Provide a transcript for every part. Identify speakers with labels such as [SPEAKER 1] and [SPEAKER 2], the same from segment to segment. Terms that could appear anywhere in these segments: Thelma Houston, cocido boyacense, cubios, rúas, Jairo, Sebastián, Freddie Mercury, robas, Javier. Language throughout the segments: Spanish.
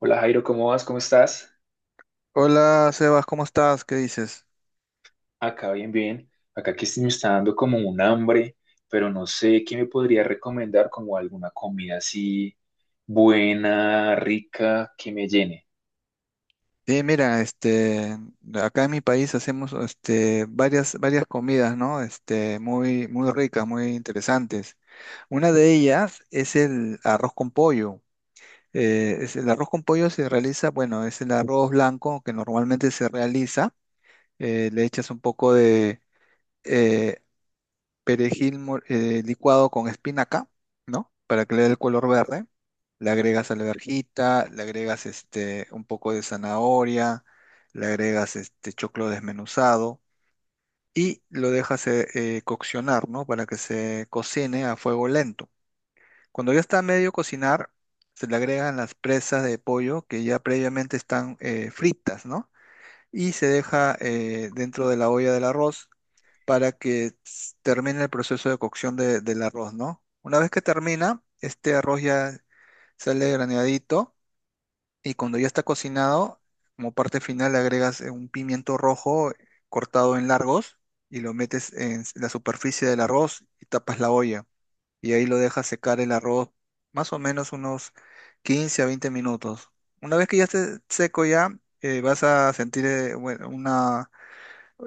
[SPEAKER 1] Hola Jairo, ¿cómo vas? ¿Cómo estás?
[SPEAKER 2] Hola Sebas, ¿cómo estás? ¿Qué dices?
[SPEAKER 1] Acá bien, bien. Acá que sí me está dando como un hambre, pero no sé qué me podría recomendar como alguna comida así buena, rica, que me llene.
[SPEAKER 2] Bien, mira, acá en mi país hacemos varias comidas, ¿no? Muy ricas, muy interesantes. Una de ellas es el arroz con pollo. El arroz con pollo se realiza, bueno, es el arroz blanco que normalmente se realiza. Le echas un poco de, eh, licuado con espinaca, ¿no? Para que le dé el color verde. Le agregas alverjita, le agregas un poco de zanahoria, le agregas choclo desmenuzado y lo dejas coccionar, ¿no? Para que se cocine a fuego lento. Cuando ya está a medio cocinar, se le agregan las presas de pollo que ya previamente están fritas, ¿no? Y se deja dentro de la olla del arroz para que termine el proceso de cocción del arroz, ¿no? Una vez que termina, este arroz ya sale graneadito y cuando ya está cocinado, como parte final le agregas un pimiento rojo cortado en largos y lo metes en la superficie del arroz y tapas la olla y ahí lo dejas secar el arroz más o menos unos 15 a 20 minutos. Una vez que ya esté seco ya, vas a sentir bueno, una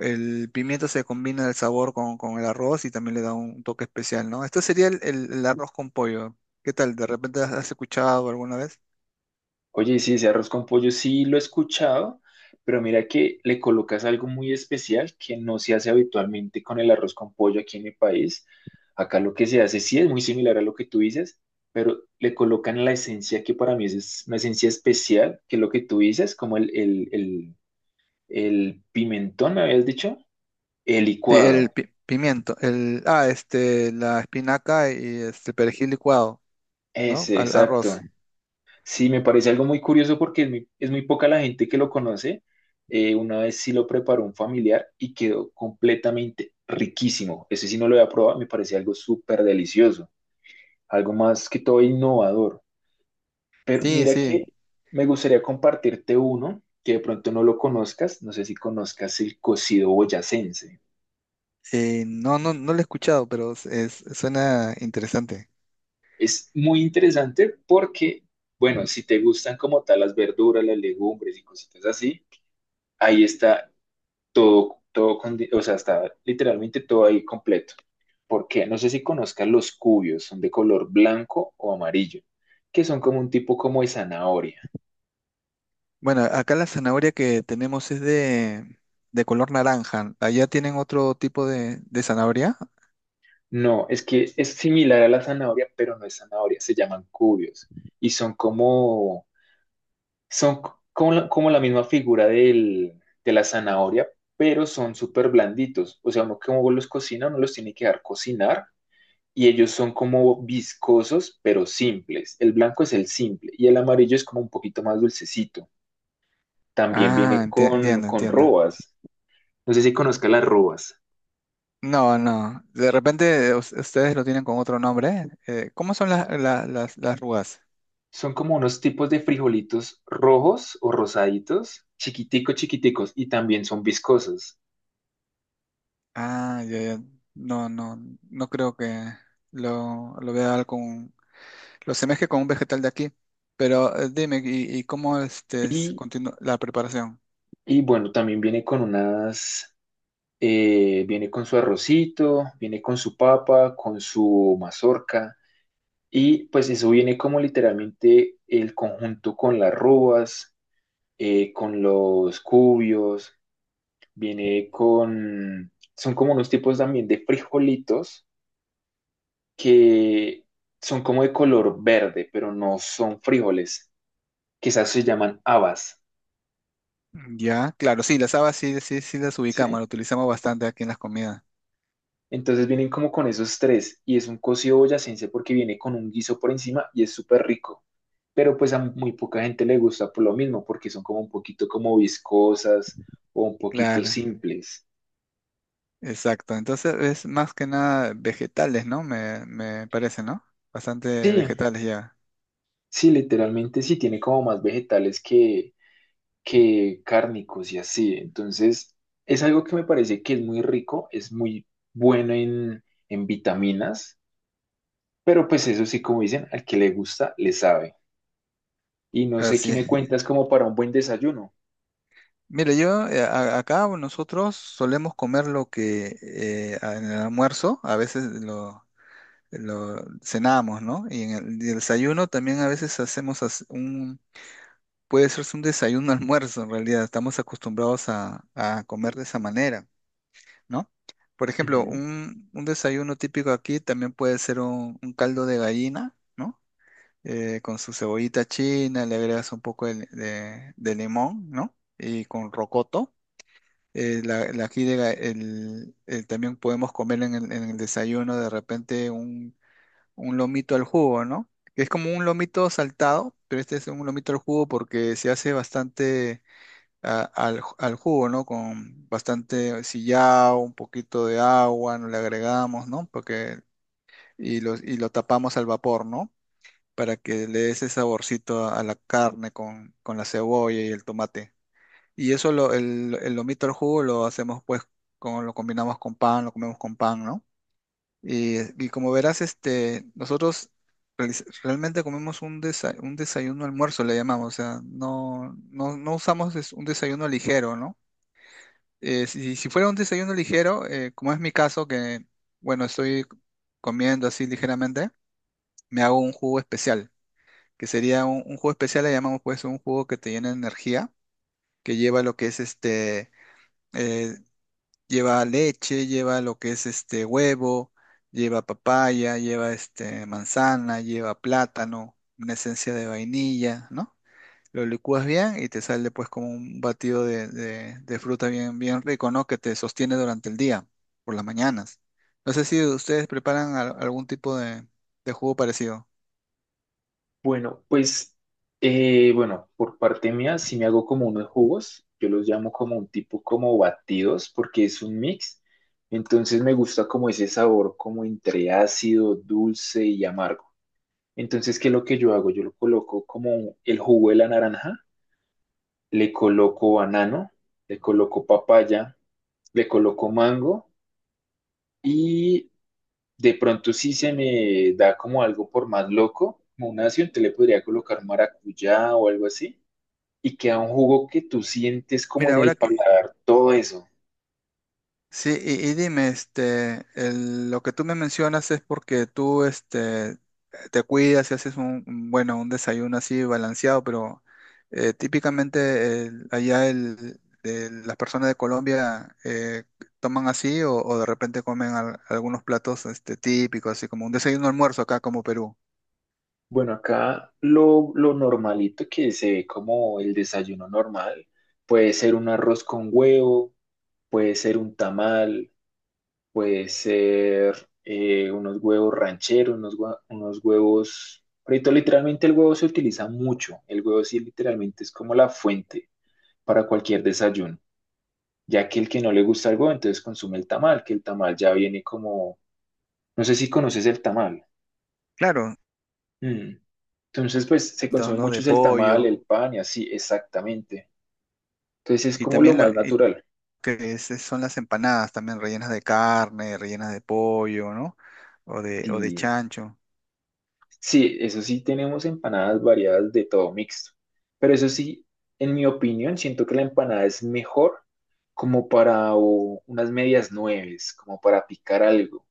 [SPEAKER 2] el pimiento se combina el sabor con el arroz y también le da un toque especial, ¿no? Esto sería el arroz con pollo. ¿Qué tal? ¿De repente has escuchado alguna vez?
[SPEAKER 1] Oye, sí, ese arroz con pollo sí lo he escuchado, pero mira que le colocas algo muy especial que no se hace habitualmente con el arroz con pollo aquí en mi país. Acá lo que se hace sí es muy similar a lo que tú dices, pero le colocan la esencia que para mí es una esencia especial, que es lo que tú dices, como el pimentón, me habías dicho, el
[SPEAKER 2] Sí,
[SPEAKER 1] licuado.
[SPEAKER 2] pimiento, el, ah, este, la espinaca y este perejil licuado, ¿no?
[SPEAKER 1] Ese,
[SPEAKER 2] Al
[SPEAKER 1] exacto.
[SPEAKER 2] arroz.
[SPEAKER 1] Sí, me parece algo muy curioso porque es muy poca la gente que lo conoce. Una vez sí lo preparó un familiar y quedó completamente riquísimo. Ese sí no lo había probado, me parecía algo súper delicioso, algo más que todo innovador. Pero
[SPEAKER 2] Sí,
[SPEAKER 1] mira
[SPEAKER 2] sí.
[SPEAKER 1] que me gustaría compartirte uno que de pronto no lo conozcas, no sé si conozcas el cocido boyacense.
[SPEAKER 2] No, no, no lo he escuchado, pero suena interesante.
[SPEAKER 1] Es muy interesante porque, bueno, si te gustan como tal las verduras, las legumbres y cositas así, ahí está todo, todo, o sea, está literalmente todo ahí completo. Porque no sé si conozcas los cubios, son de color blanco o amarillo, que son como un tipo como de zanahoria.
[SPEAKER 2] Bueno, acá la zanahoria que tenemos es de color naranja. ¿Allá tienen otro tipo de zanahoria?
[SPEAKER 1] No, es que es similar a la zanahoria, pero no es zanahoria, se llaman cubios. Y son como la misma figura del, de la zanahoria, pero son súper blanditos. O sea, uno como los cocina, uno los tiene que dar cocinar y ellos son como viscosos, pero simples. El blanco es el simple y el amarillo es como un poquito más dulcecito. También viene con,
[SPEAKER 2] Entiendo,
[SPEAKER 1] con
[SPEAKER 2] entiendo.
[SPEAKER 1] robas. No sé si conozca las robas.
[SPEAKER 2] No, no. De repente ustedes lo tienen con otro nombre. ¿Cómo son las rugas?
[SPEAKER 1] Son como unos tipos de frijolitos rojos o rosaditos, chiquiticos, chiquiticos, y también son viscosos.
[SPEAKER 2] Ah, ya, ya. No, no, no creo que lo vea con, lo semeje con un vegetal de aquí. Pero dime, y cómo este
[SPEAKER 1] Y,
[SPEAKER 2] la preparación?
[SPEAKER 1] y bueno, también viene con su arrocito, viene con su papa, con su mazorca. Y pues eso viene como literalmente el conjunto con las rúas, con los cubios, viene con... Son como unos tipos también de frijolitos que son como de color verde, pero no son frijoles. Quizás se llaman habas,
[SPEAKER 2] Ya, claro, sí, las habas sí, sí, sí las
[SPEAKER 1] ¿sí?
[SPEAKER 2] ubicamos, las utilizamos bastante aquí en las comidas.
[SPEAKER 1] Entonces vienen como con esos tres y es un cocido boyacense porque viene con un guiso por encima y es súper rico. Pero pues a muy poca gente le gusta por lo mismo porque son como un poquito como viscosas o un poquito
[SPEAKER 2] Claro,
[SPEAKER 1] simples.
[SPEAKER 2] exacto. Entonces es más que nada vegetales, ¿no? Me parece, ¿no? Bastante
[SPEAKER 1] Sí,
[SPEAKER 2] vegetales ya.
[SPEAKER 1] sí, literalmente sí tiene como más vegetales que cárnicos y así. Entonces es algo que me parece que es muy rico, es muy bueno en vitaminas, pero pues eso sí, como dicen, al que le gusta, le sabe. Y no sé qué
[SPEAKER 2] Así
[SPEAKER 1] me
[SPEAKER 2] es.
[SPEAKER 1] cuentas como para un buen desayuno.
[SPEAKER 2] Mira, yo acá nosotros solemos comer lo que en el almuerzo a veces lo cenamos, ¿no? Y en y el desayuno también a veces hacemos un, puede ser un desayuno almuerzo en realidad, estamos acostumbrados a comer de esa manera, ¿no? Por ejemplo,
[SPEAKER 1] Ujú.
[SPEAKER 2] un desayuno típico aquí también puede ser un caldo de gallina, ¿no? Con su cebollita china, le agregas un poco de, de limón, ¿no? Y con rocoto la, la aquí también podemos comer en en el desayuno de repente un lomito al jugo, ¿no? Que es como un lomito saltado, pero este es un lomito al jugo porque se hace bastante al jugo, ¿no? Con bastante sillao, un poquito de agua, nos le agregamos, ¿no? Porque, y lo tapamos al vapor, ¿no? Para que le dé ese saborcito a la carne con la cebolla y el tomate. Y eso el lomito al jugo lo hacemos pues con, lo combinamos con pan, lo comemos con pan, ¿no? Y, y como verás, este, nosotros realmente comemos un, un desayuno almuerzo, le llamamos, o sea, no, no, no usamos es un desayuno ligero, ¿no? Si fuera un desayuno ligero, como es mi caso, que bueno, estoy comiendo así ligeramente, me hago un jugo especial, que sería un jugo especial, le llamamos pues un jugo que te llena de energía, que lleva lo que es este eh, lleva leche, lleva lo que es este huevo, lleva papaya, lleva este manzana, lleva plátano, una esencia de vainilla, ¿no? Lo licúas bien y te sale pues como un batido de, de fruta bien, bien rico, ¿no? Que te sostiene durante el día, por las mañanas. No sé si ustedes preparan algún tipo de jugo parecido.
[SPEAKER 1] Bueno, pues, bueno, por parte mía, si me hago como unos jugos, yo los llamo como un tipo como batidos, porque es un mix. Entonces me gusta como ese sabor, como entre ácido, dulce y amargo. Entonces, ¿qué es lo que yo hago? Yo lo coloco como el jugo de la naranja, le coloco banano, le coloco papaya, le coloco mango y de pronto sí se me da como algo por más loco, como un ácido, te le podría colocar maracuyá o algo así, y queda un jugo que tú sientes como
[SPEAKER 2] Mira,
[SPEAKER 1] en
[SPEAKER 2] ahora
[SPEAKER 1] el
[SPEAKER 2] que,
[SPEAKER 1] paladar todo eso.
[SPEAKER 2] sí, y dime, este, lo que tú me mencionas es porque tú, este, te cuidas y haces un, bueno, un desayuno así balanceado, pero típicamente allá las personas de Colombia toman así o de repente comen algunos platos, este, típicos, así como un desayuno almuerzo acá como Perú.
[SPEAKER 1] Bueno, acá lo normalito que se ve como el desayuno normal, puede ser un arroz con huevo, puede ser un tamal, puede ser unos, huevos rancheros, unos huevos... Ahorita literalmente el huevo se utiliza mucho, el huevo sí literalmente es como la fuente para cualquier desayuno, ya que el que no le gusta algo, entonces consume el tamal, que el tamal ya viene como, no sé si conoces el tamal.
[SPEAKER 2] Claro,
[SPEAKER 1] Mm. Entonces, pues se
[SPEAKER 2] entonces,
[SPEAKER 1] consume
[SPEAKER 2] ¿no?
[SPEAKER 1] mucho
[SPEAKER 2] De
[SPEAKER 1] es el tamal,
[SPEAKER 2] pollo
[SPEAKER 1] el pan y así, exactamente. Entonces es
[SPEAKER 2] y
[SPEAKER 1] como lo
[SPEAKER 2] también
[SPEAKER 1] más natural.
[SPEAKER 2] son las empanadas también rellenas de carne, rellenas de pollo, ¿no? O de
[SPEAKER 1] Sí,
[SPEAKER 2] chancho.
[SPEAKER 1] sí, eso sí tenemos empanadas variadas de todo mixto, pero eso sí, en mi opinión, siento que la empanada es mejor como para o, unas medias nueves, como para picar algo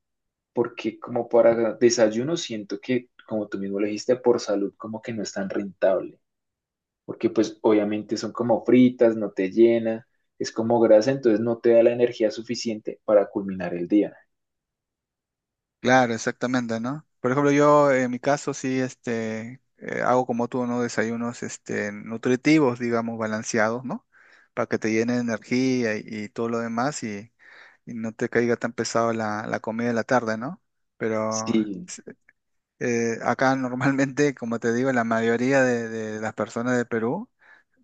[SPEAKER 1] porque como para desayuno siento que, como tú mismo lo dijiste, por salud como que no es tan rentable, porque pues obviamente son como fritas, no te llena, es como grasa, entonces no te da la energía suficiente para culminar el día.
[SPEAKER 2] Claro, exactamente, ¿no? Por ejemplo, yo en mi caso sí, este, hago como tú, ¿no? Desayunos, este, nutritivos, digamos, balanceados, ¿no? Para que te llene de energía y todo lo demás y no te caiga tan pesado la comida de la tarde, ¿no? Pero
[SPEAKER 1] Sí,
[SPEAKER 2] acá normalmente, como te digo, la mayoría de las personas de Perú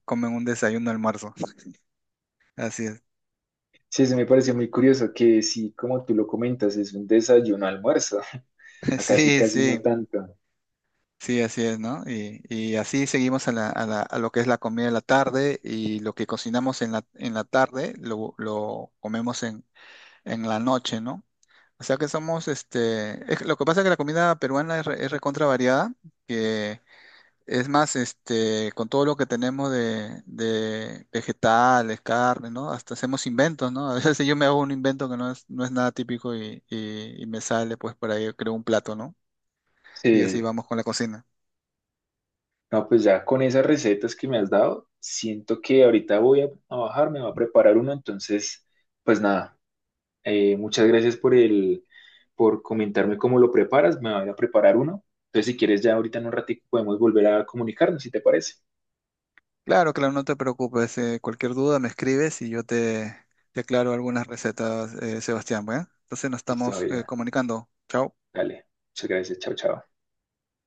[SPEAKER 2] comen un desayuno almuerzo. Así es.
[SPEAKER 1] sí, eso me parece muy curioso que sí, como tú lo comentas, es un desayuno almuerzo, acá sí
[SPEAKER 2] Sí,
[SPEAKER 1] casi no
[SPEAKER 2] sí,
[SPEAKER 1] tanto.
[SPEAKER 2] sí, así es, ¿no? Y así seguimos a la, a lo que es la comida de la tarde y lo que cocinamos en la tarde lo comemos en la noche, ¿no? O sea que somos, este, que lo que pasa es que la comida peruana es, es recontra variada, que es más, este, con todo lo que tenemos de vegetales, carne, ¿no? Hasta hacemos inventos, ¿no? A veces yo me hago un invento que no es, no es nada típico y me sale, pues por ahí yo creo un plato, ¿no? Y así
[SPEAKER 1] Sí,
[SPEAKER 2] vamos con la cocina.
[SPEAKER 1] no, pues ya con esas recetas que me has dado, siento que ahorita voy a bajar, me voy a preparar uno, entonces, pues nada. Muchas gracias por comentarme cómo lo preparas. Me voy a preparar uno. Entonces, si quieres, ya ahorita en un ratito podemos volver a comunicarnos, si te parece.
[SPEAKER 2] Claro, claro, no te preocupes. Eh, cualquier duda me escribes y yo te, te aclaro algunas recetas, Sebastián. Bueno, entonces nos
[SPEAKER 1] Listo,
[SPEAKER 2] estamos
[SPEAKER 1] Javier.
[SPEAKER 2] comunicando. Chao.
[SPEAKER 1] Dale. Muchas gracias. Chao, chao.